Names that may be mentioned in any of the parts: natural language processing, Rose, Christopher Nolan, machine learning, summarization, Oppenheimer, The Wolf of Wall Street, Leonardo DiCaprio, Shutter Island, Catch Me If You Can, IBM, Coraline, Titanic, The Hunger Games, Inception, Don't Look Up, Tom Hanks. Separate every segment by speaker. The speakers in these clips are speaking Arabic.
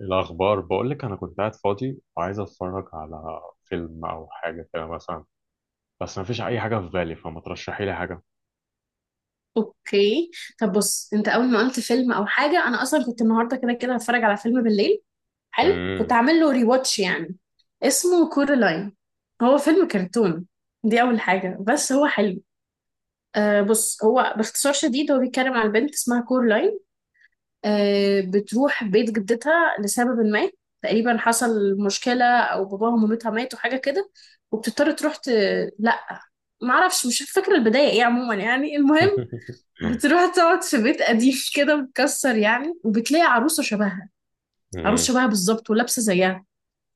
Speaker 1: الأخبار بقولك، أنا كنت قاعد فاضي وعايز أتفرج على فيلم أو حاجة كده مثلا، بس مفيش أي حاجة في بالي، فما ترشحي لي حاجة.
Speaker 2: اوكي. طب بص، انت اول ما قلت فيلم او حاجه انا اصلا كنت النهارده كده كده هتفرج على فيلم بالليل. حلو، كنت
Speaker 1: مم.
Speaker 2: هعمل له ري واتش يعني. اسمه كورالاين. هو فيلم كرتون. دي اول حاجه بس هو حلو. بص، هو باختصار شديد هو بيتكلم عن بنت اسمها كورلاين. بتروح بيت جدتها لسبب ما. تقريبا حصل مشكلة، أو باباها ومامتها ماتوا حاجة كده. وبتضطر تروح لأ، معرفش، مش فاكرة البداية إيه. عموما يعني المهم، بتروح تقعد في بيت قديم كده متكسر يعني، وبتلاقي عروسة شبهها، عروس
Speaker 1: مم.
Speaker 2: شبهها بالظبط ولابسة زيها.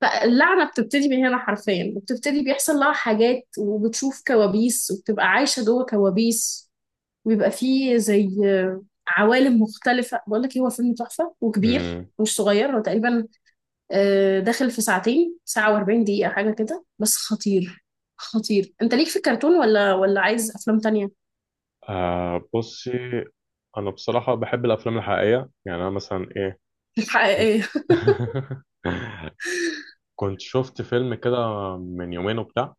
Speaker 2: فاللعنة بتبتدي من هنا حرفيا، وبتبتدي بيحصل لها حاجات وبتشوف كوابيس وبتبقى عايشة جوه كوابيس. وبيبقى فيه زي عوالم مختلفة. بقول لك إيه، هو فيلم تحفة وكبير
Speaker 1: مم.
Speaker 2: مش صغير. هو تقريبا داخل في ساعتين، ساعة و40 دقيقة حاجة كده، بس خطير. خطير. انت ليك في الكرتون ولا عايز افلام تانية؟
Speaker 1: بصي، أنا بصراحة بحب الأفلام الحقيقية. يعني أنا مثلا كنت،
Speaker 2: حقيقية.
Speaker 1: كنت شفت فيلم كده من يومين وبتاع،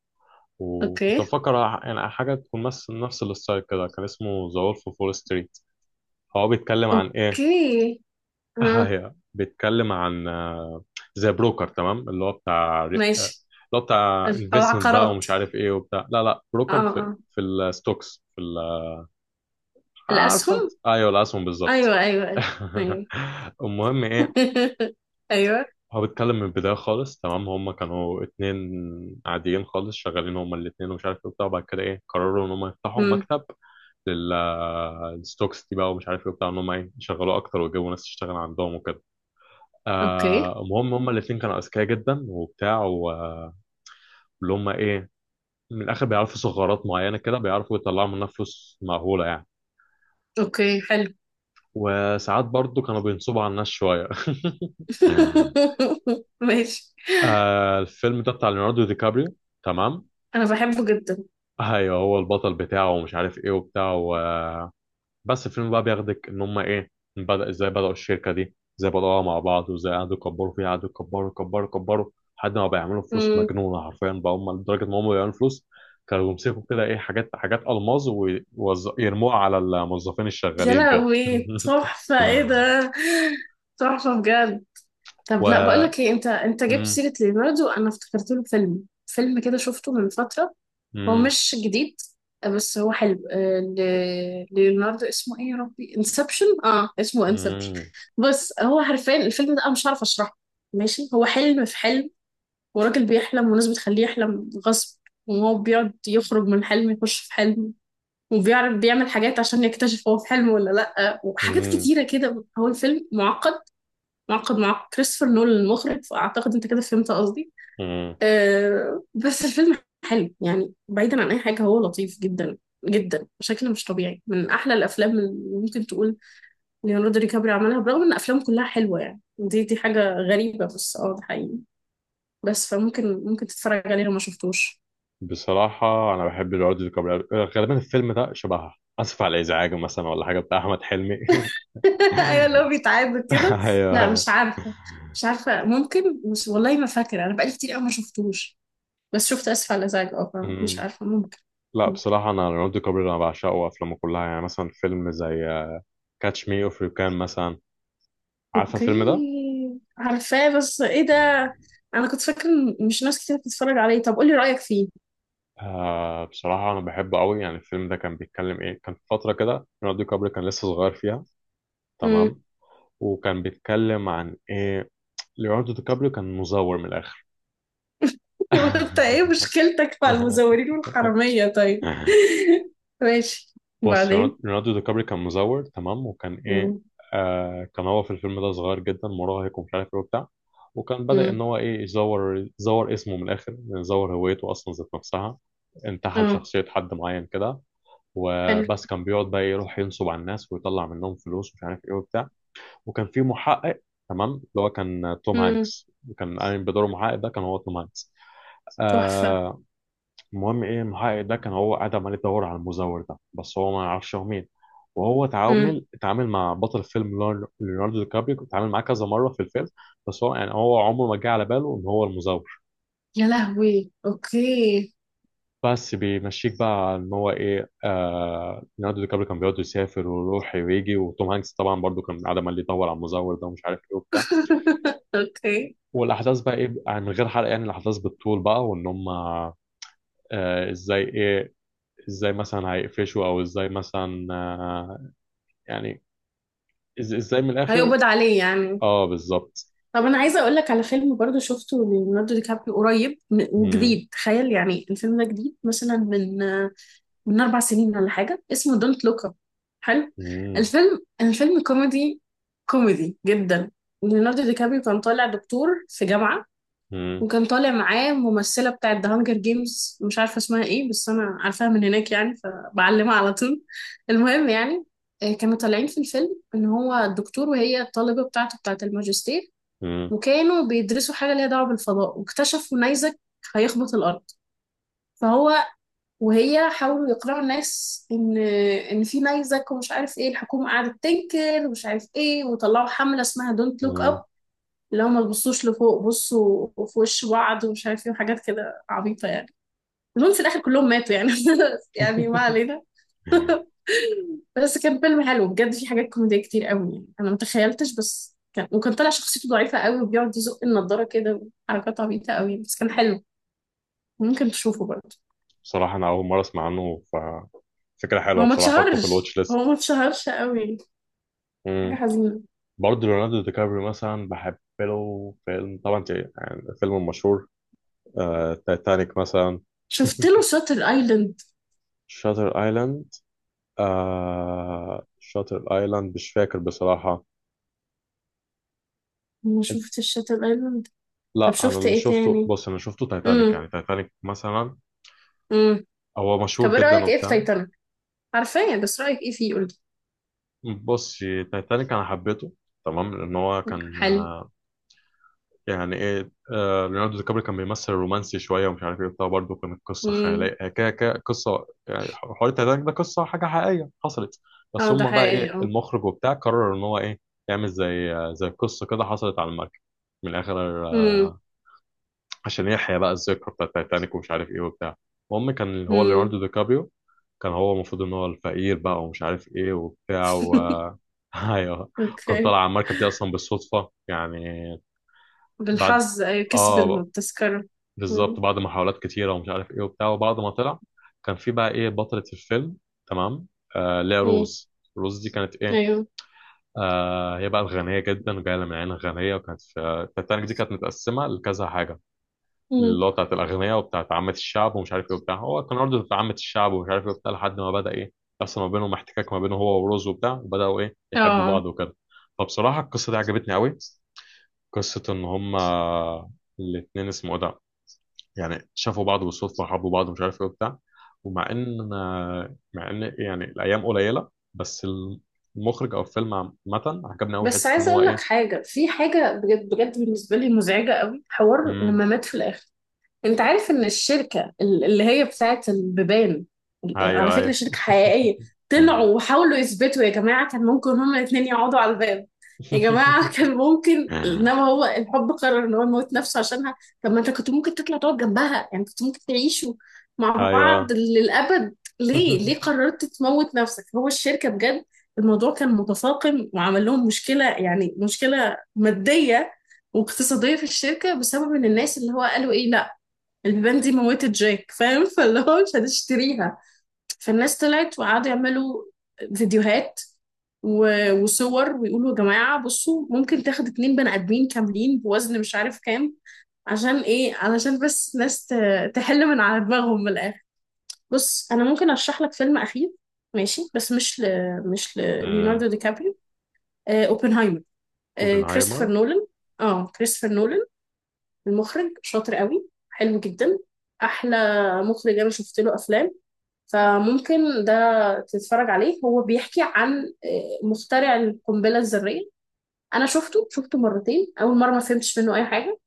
Speaker 1: وكنت
Speaker 2: اوكي.
Speaker 1: بفكر يعني حاجة تكون مثل نفس الستايل كده. كان اسمه ذا وولف أوف وول ستريت. هو بيتكلم عن إيه؟
Speaker 2: اوكي. ها.
Speaker 1: هي بيتكلم عن زي بروكر، تمام؟ اللي هو بتاع اللي
Speaker 2: ماشي.
Speaker 1: هو بتاع انفستمنت بقى
Speaker 2: العقارات.
Speaker 1: ومش عارف ايه وبتاع. لا لا،
Speaker 2: اه،
Speaker 1: بروكر في
Speaker 2: اه.
Speaker 1: في الستوكس، عارفه انت؟
Speaker 2: الأسهم.
Speaker 1: ايوه، الاسهم بالظبط.
Speaker 2: أيوه أيوه أيوه أيوه.
Speaker 1: المهم ايه،
Speaker 2: أيوه.
Speaker 1: هو بيتكلم من البدايه خالص. تمام؟ هم كانوا اتنين عاديين خالص، شغالين هم الاتنين ومش عارف ايه وبتاع، وبعد كده ايه، قرروا ان هم يفتحوا
Speaker 2: مم.
Speaker 1: مكتب للستوكس دي بقى ومش عارف ايه وبتاع، ان هم ايه، يشغلوه اكتر ويجيبوا ناس تشتغل عندهم وكده.
Speaker 2: أوكي.
Speaker 1: المهم هما الاثنين كانوا اذكياء جدا وبتاع، واللي هما ايه، من الاخر بيعرفوا ثغرات معينه كده، بيعرفوا يطلعوا منها فلوس مهوله يعني.
Speaker 2: أوكي، حلو.
Speaker 1: وساعات برضو كانوا بينصبوا على الناس شويه.
Speaker 2: ماشي.
Speaker 1: الفيلم ده بتاع ليوناردو دي كابريو، تمام؟
Speaker 2: أنا بحبه جدا.
Speaker 1: ايوه، هو البطل بتاعه ومش عارف ايه وبتاع. بس الفيلم بقى بياخدك ان هم ايه، بدأ ازاي، بدأوا الشركة دي ازاي، بدأوها مع بعض، وازاي قعدوا يكبروا فيها، قعدوا يكبروا يكبروا يكبروا لحد ما بيعملوا فلوس
Speaker 2: مم.
Speaker 1: مجنونة حرفيا بقى هم، لدرجة ان هم بيعملوا فلوس كانوا بيمسكوا كده ايه، حاجات ألماظ ويرموها على الموظفين
Speaker 2: يا
Speaker 1: الشغالين كده.
Speaker 2: لهوي، تحفة إيه ده! تحفة بجد.
Speaker 1: و
Speaker 2: طب لا، بقولك إيه، أنت جبت
Speaker 1: مم.
Speaker 2: سيرة ليوناردو، أنا افتكرت له فيلم كده شفته من فترة. هو
Speaker 1: مم.
Speaker 2: مش جديد بس هو حلو. ليوناردو اسمه ايه يا ربي، انسبشن. اه، اسمه انسبشن.
Speaker 1: مم.
Speaker 2: بس هو حرفيا الفيلم ده انا مش عارفه اشرحه. ماشي، هو حلم في حلم. وراجل بيحلم والناس بتخليه يحلم غصب، وهو بيقعد يخرج من حلم يخش في حلم. وبيعرف بيعمل حاجات عشان يكتشف هو في حلم ولا لأ، وحاجات
Speaker 1: مم.
Speaker 2: كتيرة كده، هو الفيلم معقد. معقد، مع كريستوفر نولان المخرج، فأعتقد أنت كده فهمت قصدي.
Speaker 1: مم.
Speaker 2: بس الفيلم حلو يعني، بعيدا عن اي حاجه هو لطيف جدا، جدا بشكل مش طبيعي، من احلى الافلام اللي ممكن تقول ليوناردو دي كابري عملها، برغم ان افلامه كلها حلوه يعني، دي حاجه غريبه، بس اه ده حقيقي. بس فممكن تتفرج عليه لو ما شفتوش.
Speaker 1: بصراحة أنا بحب ليوناردو دي كابريو. غالبا الفيلم ده شبه آسف على الإزعاج مثلا ولا حاجة بتاع أحمد حلمي.
Speaker 2: ايوه، اللي هو بيتعاد كده.
Speaker 1: ايوه
Speaker 2: لا،
Speaker 1: ايوه.
Speaker 2: مش عارفه، مش عارفه ممكن، مش والله ما فاكره، انا بقالي كتير قوي ما شفتوش. بس شفت اسف على الازعاج، اه مش
Speaker 1: مم.
Speaker 2: عارفه، ممكن.
Speaker 1: لا بصراحة، أنا ليوناردو كابري أنا بعشقه، وأفلامه كلها. يعني مثلا فيلم زي كاتش مي أوف يو كان مثلا. عارفة الفيلم ده؟
Speaker 2: اوكي عارفاه بس ايه ده، انا كنت فاكره إن مش ناس كتير بتتفرج عليه. طب قولي رأيك فيه.
Speaker 1: بصراحة أنا بحبه قوي. يعني الفيلم ده كان بيتكلم إيه؟ كان في فترة كده ليوناردو كابري كان لسه صغير فيها.
Speaker 2: امم.
Speaker 1: تمام؟ وكان بيتكلم عن إيه، ليوناردو كابري كان مزور من الآخر.
Speaker 2: انت ايه مشكلتك مع المزورين والحرامية طيب؟ ماشي،
Speaker 1: بص، ليوناردو
Speaker 2: وبعدين.
Speaker 1: ليوناردو دي كابري كان مزور، تمام؟ وكان ايه،
Speaker 2: امم.
Speaker 1: آه كان هو في الفيلم ده صغير جدا، مراهق ومش عارف ايه وبتاع. وكان بدأ ان
Speaker 2: امم.
Speaker 1: هو ايه، يزور، يزور اسمه من الاخر، يعني يزور هويته اصلا ذات نفسها. انتحل
Speaker 2: اه.
Speaker 1: شخصية حد معين كده.
Speaker 2: حلو.
Speaker 1: وبس كان بيقعد بقى يروح ينصب على الناس ويطلع منهم فلوس ومش عارف ايه وبتاع. وكان في محقق، تمام؟ اللي هو كان توم
Speaker 2: امم.
Speaker 1: هانكس. كان قايم بدور محقق، ده كان هو توم هانكس.
Speaker 2: تحفة.
Speaker 1: آه، المهم ايه، المحقق ده كان هو قاعد عمال يدور على المزور ده، بس هو ما يعرفش هو مين. وهو
Speaker 2: امم.
Speaker 1: اتعامل مع بطل فيلم ليوناردو دي كابريو، اتعامل معاه كذا مره في الفيلم. بس هو يعني هو عمره ما جه على باله ان هو المزور.
Speaker 2: يا لهوي، اوكي.
Speaker 1: بس بيمشيك بقى ان هو ايه، آه ليوناردو دي كابريو كان بيقعد يسافر ويروح ويجي، وتوم هانكس طبعا برضو كان قاعد عمال يدور على المزور ده ومش عارف ايه وبتاع.
Speaker 2: اوكي،
Speaker 1: والاحداث بقى ايه بقى، من غير حرق يعني، الاحداث بالطول بقى، وان هم آه ازاي ايه، ازاي مثلا هيقفشوا، او ازاي مثلا يعني ازاي من الاخر.
Speaker 2: هيقبض عليه يعني.
Speaker 1: اه بالظبط.
Speaker 2: طب انا عايزه اقول لك على فيلم برضو شفته، ليوناردو دي كابريو قريب
Speaker 1: مم،
Speaker 2: وجديد، تخيل يعني الفيلم ده جديد مثلا من 4 سنين ولا حاجه، اسمه دونت لوك اب. حلو.
Speaker 1: مم،
Speaker 2: الفيلم كوميدي، كوميدي جدا. ليوناردو دي كابريو كان طالع دكتور في جامعه،
Speaker 1: مم،
Speaker 2: وكان طالع معاه ممثله بتاعه ذا هانجر جيمز، مش عارفه اسمها ايه بس انا عارفاها من هناك يعني، فبعلمها على طول. المهم يعني، كانوا طالعين في الفيلم ان هو الدكتور وهي الطالبه بتاعته، بتاعه الماجستير.
Speaker 1: مم،
Speaker 2: وكانوا بيدرسوا حاجه ليها دعوه بالفضاء، واكتشفوا نيزك هيخبط الارض. فهو وهي حاولوا يقنعوا الناس ان في نيزك ومش عارف ايه، الحكومه قعدت تنكر ومش عارف ايه، وطلعوا حمله اسمها دونت لوك اب.
Speaker 1: مم.
Speaker 2: اللي هو ما تبصوش لفوق، بصوا في وش بعض ومش عارف ايه، وحاجات كده عبيطه يعني. المهم في الاخر كلهم ماتوا يعني. يعني ما علينا. بس كان فيلم حلو بجد، في حاجات كوميدية كتير قوي يعني، انا ما تخيلتش. بس كان، وكان طالع شخصيته ضعيفه قوي، وبيقعد يزق النضاره كده. حركات عبيطه قوي يعني. بس كان حلو، ممكن تشوفه برضه.
Speaker 1: بصراحة أنا أول مرة أسمع عنه، ففكرة
Speaker 2: ما
Speaker 1: حلوة
Speaker 2: هو ما
Speaker 1: بصراحة، أحطه في
Speaker 2: اتشهرش،
Speaker 1: الواتش
Speaker 2: هو
Speaker 1: ليست.
Speaker 2: ما اتشهرش قوي، حاجه
Speaker 1: مم.
Speaker 2: حزينه.
Speaker 1: برضه ليوناردو دي كابريو مثلا، بحب له فيلم طبعا يعني فيلم مشهور، تايتانيك مثلا.
Speaker 2: شفت له شاتر ايلاند؟
Speaker 1: شاتر ايلاند. آه شاتر ايلاند مش فاكر بصراحة.
Speaker 2: ما شفتش شاتر ايلاند. طب
Speaker 1: لا انا
Speaker 2: شفت
Speaker 1: اللي
Speaker 2: ايه
Speaker 1: شفته،
Speaker 2: تاني؟
Speaker 1: بص، انا شفته تايتانيك،
Speaker 2: امم.
Speaker 1: يعني تايتانيك مثلا.
Speaker 2: امم.
Speaker 1: هو
Speaker 2: طب
Speaker 1: مشهور
Speaker 2: ايه
Speaker 1: جدا
Speaker 2: رايك، ايه في
Speaker 1: وبتاع.
Speaker 2: تايتانيك؟ عارفاه بس رايك ايه فيه، قولي.
Speaker 1: بص، تايتانيك انا حبيته، تمام؟ لان هو كان
Speaker 2: حلو.
Speaker 1: يعني ايه، ليوناردو دي كابري كان بيمثل رومانسي شويه ومش عارف ايه وبتاع. برضه كانت قصه
Speaker 2: امم.
Speaker 1: خياليه كده، كده قصه، يعني حوار تايتانيك ده قصه حاجه حقيقيه حصلت. بس
Speaker 2: اه، ده
Speaker 1: هم بقى ايه،
Speaker 2: حقيقي اه.
Speaker 1: المخرج وبتاع قرر ان هو ايه، يعمل زي قصه كده حصلت على المركب من الاخر،
Speaker 2: امم.
Speaker 1: عشان يحيى بقى الذكرى بتاع تايتانيك ومش عارف ايه وبتاع. المهم كان هو
Speaker 2: امم.
Speaker 1: ليوناردو دي كابريو كان هو المفروض ان هو الفقير بقى ومش عارف ايه وبتاع. و ايوه. كان
Speaker 2: اوكي،
Speaker 1: طالع على المركب دي اصلا بالصدفه يعني. بعد
Speaker 2: بالحظ أيوة كسب
Speaker 1: اه
Speaker 2: التذكرة.
Speaker 1: بالظبط،
Speaker 2: مم.
Speaker 1: بعد محاولات كتيره ومش عارف ايه وبتاع، وبعد ما طلع كان في بقى ايه، بطله الفيلم، تمام؟ آه اللي هي
Speaker 2: مم.
Speaker 1: روز. روز دي كانت ايه،
Speaker 2: ايوه.
Speaker 1: آه هي بقى الغنيه جدا وجايه من عيله غنيه. وكانت في التايتانيك دي كانت متقسمه لكذا حاجه،
Speaker 2: مم.
Speaker 1: اللي هو بتاعت الأغنياء وبتاعت عامة الشعب ومش عارف إيه وبتاع. هو كان برضه بتاع عامة الشعب ومش عارف إيه وبتاع، لحد ما بدأ إيه، يحصل ما بينهم احتكاك، ما بينه هو وروز وبتاع، وبدأوا إيه، يحبوا
Speaker 2: اه.
Speaker 1: بعض وكده. فبصراحة القصة دي عجبتني أوي، قصة إن هما الاتنين اسمه إيه ده، يعني شافوا بعض بالصدفة وحبوا بعض ومش عارف إيه وبتاع. ومع إن، مع إن يعني الأيام قليلة، بس المخرج أو الفيلم عامة عجبني أوي،
Speaker 2: بس
Speaker 1: حتة إن
Speaker 2: عايزه
Speaker 1: هو
Speaker 2: اقول لك
Speaker 1: إيه.
Speaker 2: حاجه، في حاجه بجد بجد بالنسبه لي مزعجه قوي، حوار
Speaker 1: مم.
Speaker 2: لما مات في الاخر. انت عارف ان الشركة اللي هي بتاعت البيبان، على
Speaker 1: أيوه
Speaker 2: فكرة
Speaker 1: أيوه.
Speaker 2: شركة حقيقية. طلعوا وحاولوا يثبتوا يا جماعة كان ممكن هما الاتنين يقعدوا على الباب. يا جماعة، كان ممكن، انما هو الحب قرر ان هو يموت نفسه عشانها. طب ما انت كنت ممكن تطلع تقعد جنبها يعني، كنت ممكن تعيشوا مع بعض
Speaker 1: أيوه.
Speaker 2: للأبد. ليه ليه قررت تموت نفسك؟ هو الشركة بجد الموضوع كان متفاقم وعمل لهم مشكلة، يعني مشكلة مادية واقتصادية في الشركة، بسبب ان الناس اللي هو قالوا ايه لا، البيبان دي موتت جاك فاهم، فاللي هو مش هنشتريها. فالناس طلعت وقعدوا يعملوا فيديوهات وصور، ويقولوا يا جماعة بصوا ممكن تاخد اتنين بني آدمين كاملين بوزن مش عارف كام. عشان ايه، علشان بس ناس تحل من على دماغهم من الآخر. بص، أنا ممكن أرشح لك فيلم أخير. ماشي بس مش ل... مش ل...
Speaker 1: امم،
Speaker 2: ليوناردو دي كابريو. اوبنهايمر. كريستوفر
Speaker 1: اوبنهايمر.
Speaker 2: نولان. اه، كريستوفر نولان المخرج شاطر قوي، حلو جدا، احلى مخرج انا شفت له افلام. فممكن ده تتفرج عليه، هو بيحكي عن مخترع القنبله الذريه. انا شفته مرتين، اول مره ما فهمتش منه اي حاجه.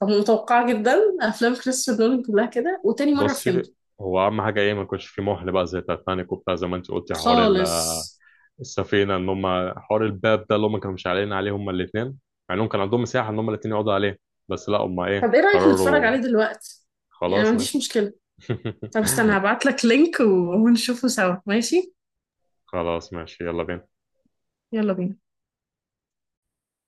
Speaker 2: طب متوقعه جدا، افلام كريستوفر نولان كلها كده. وتاني مره
Speaker 1: بصي،
Speaker 2: فهمت
Speaker 1: هو اهم حاجه ايه، ما يكونش في مهل بقى زي تايتانيك وبتاع، زي ما انت قلتي حوار
Speaker 2: خالص.
Speaker 1: السفينه، ان هم حوار الباب ده اللي هم كانوا مش علينا عليه هم الاثنين، مع انهم كان عندهم مساحه ان هم الاثنين يقعدوا عليه، بس لا هم ايه
Speaker 2: طب ايه رايك نتفرج
Speaker 1: قرروا.
Speaker 2: عليه دلوقتي؟ يعني أنا ما
Speaker 1: خلاص
Speaker 2: عنديش
Speaker 1: ماشي.
Speaker 2: مشكله. طب استنى هبعت لك لينك ونشوفه سوا، ماشي،
Speaker 1: خلاص ماشي، يلا بينا.
Speaker 2: يلا بينا.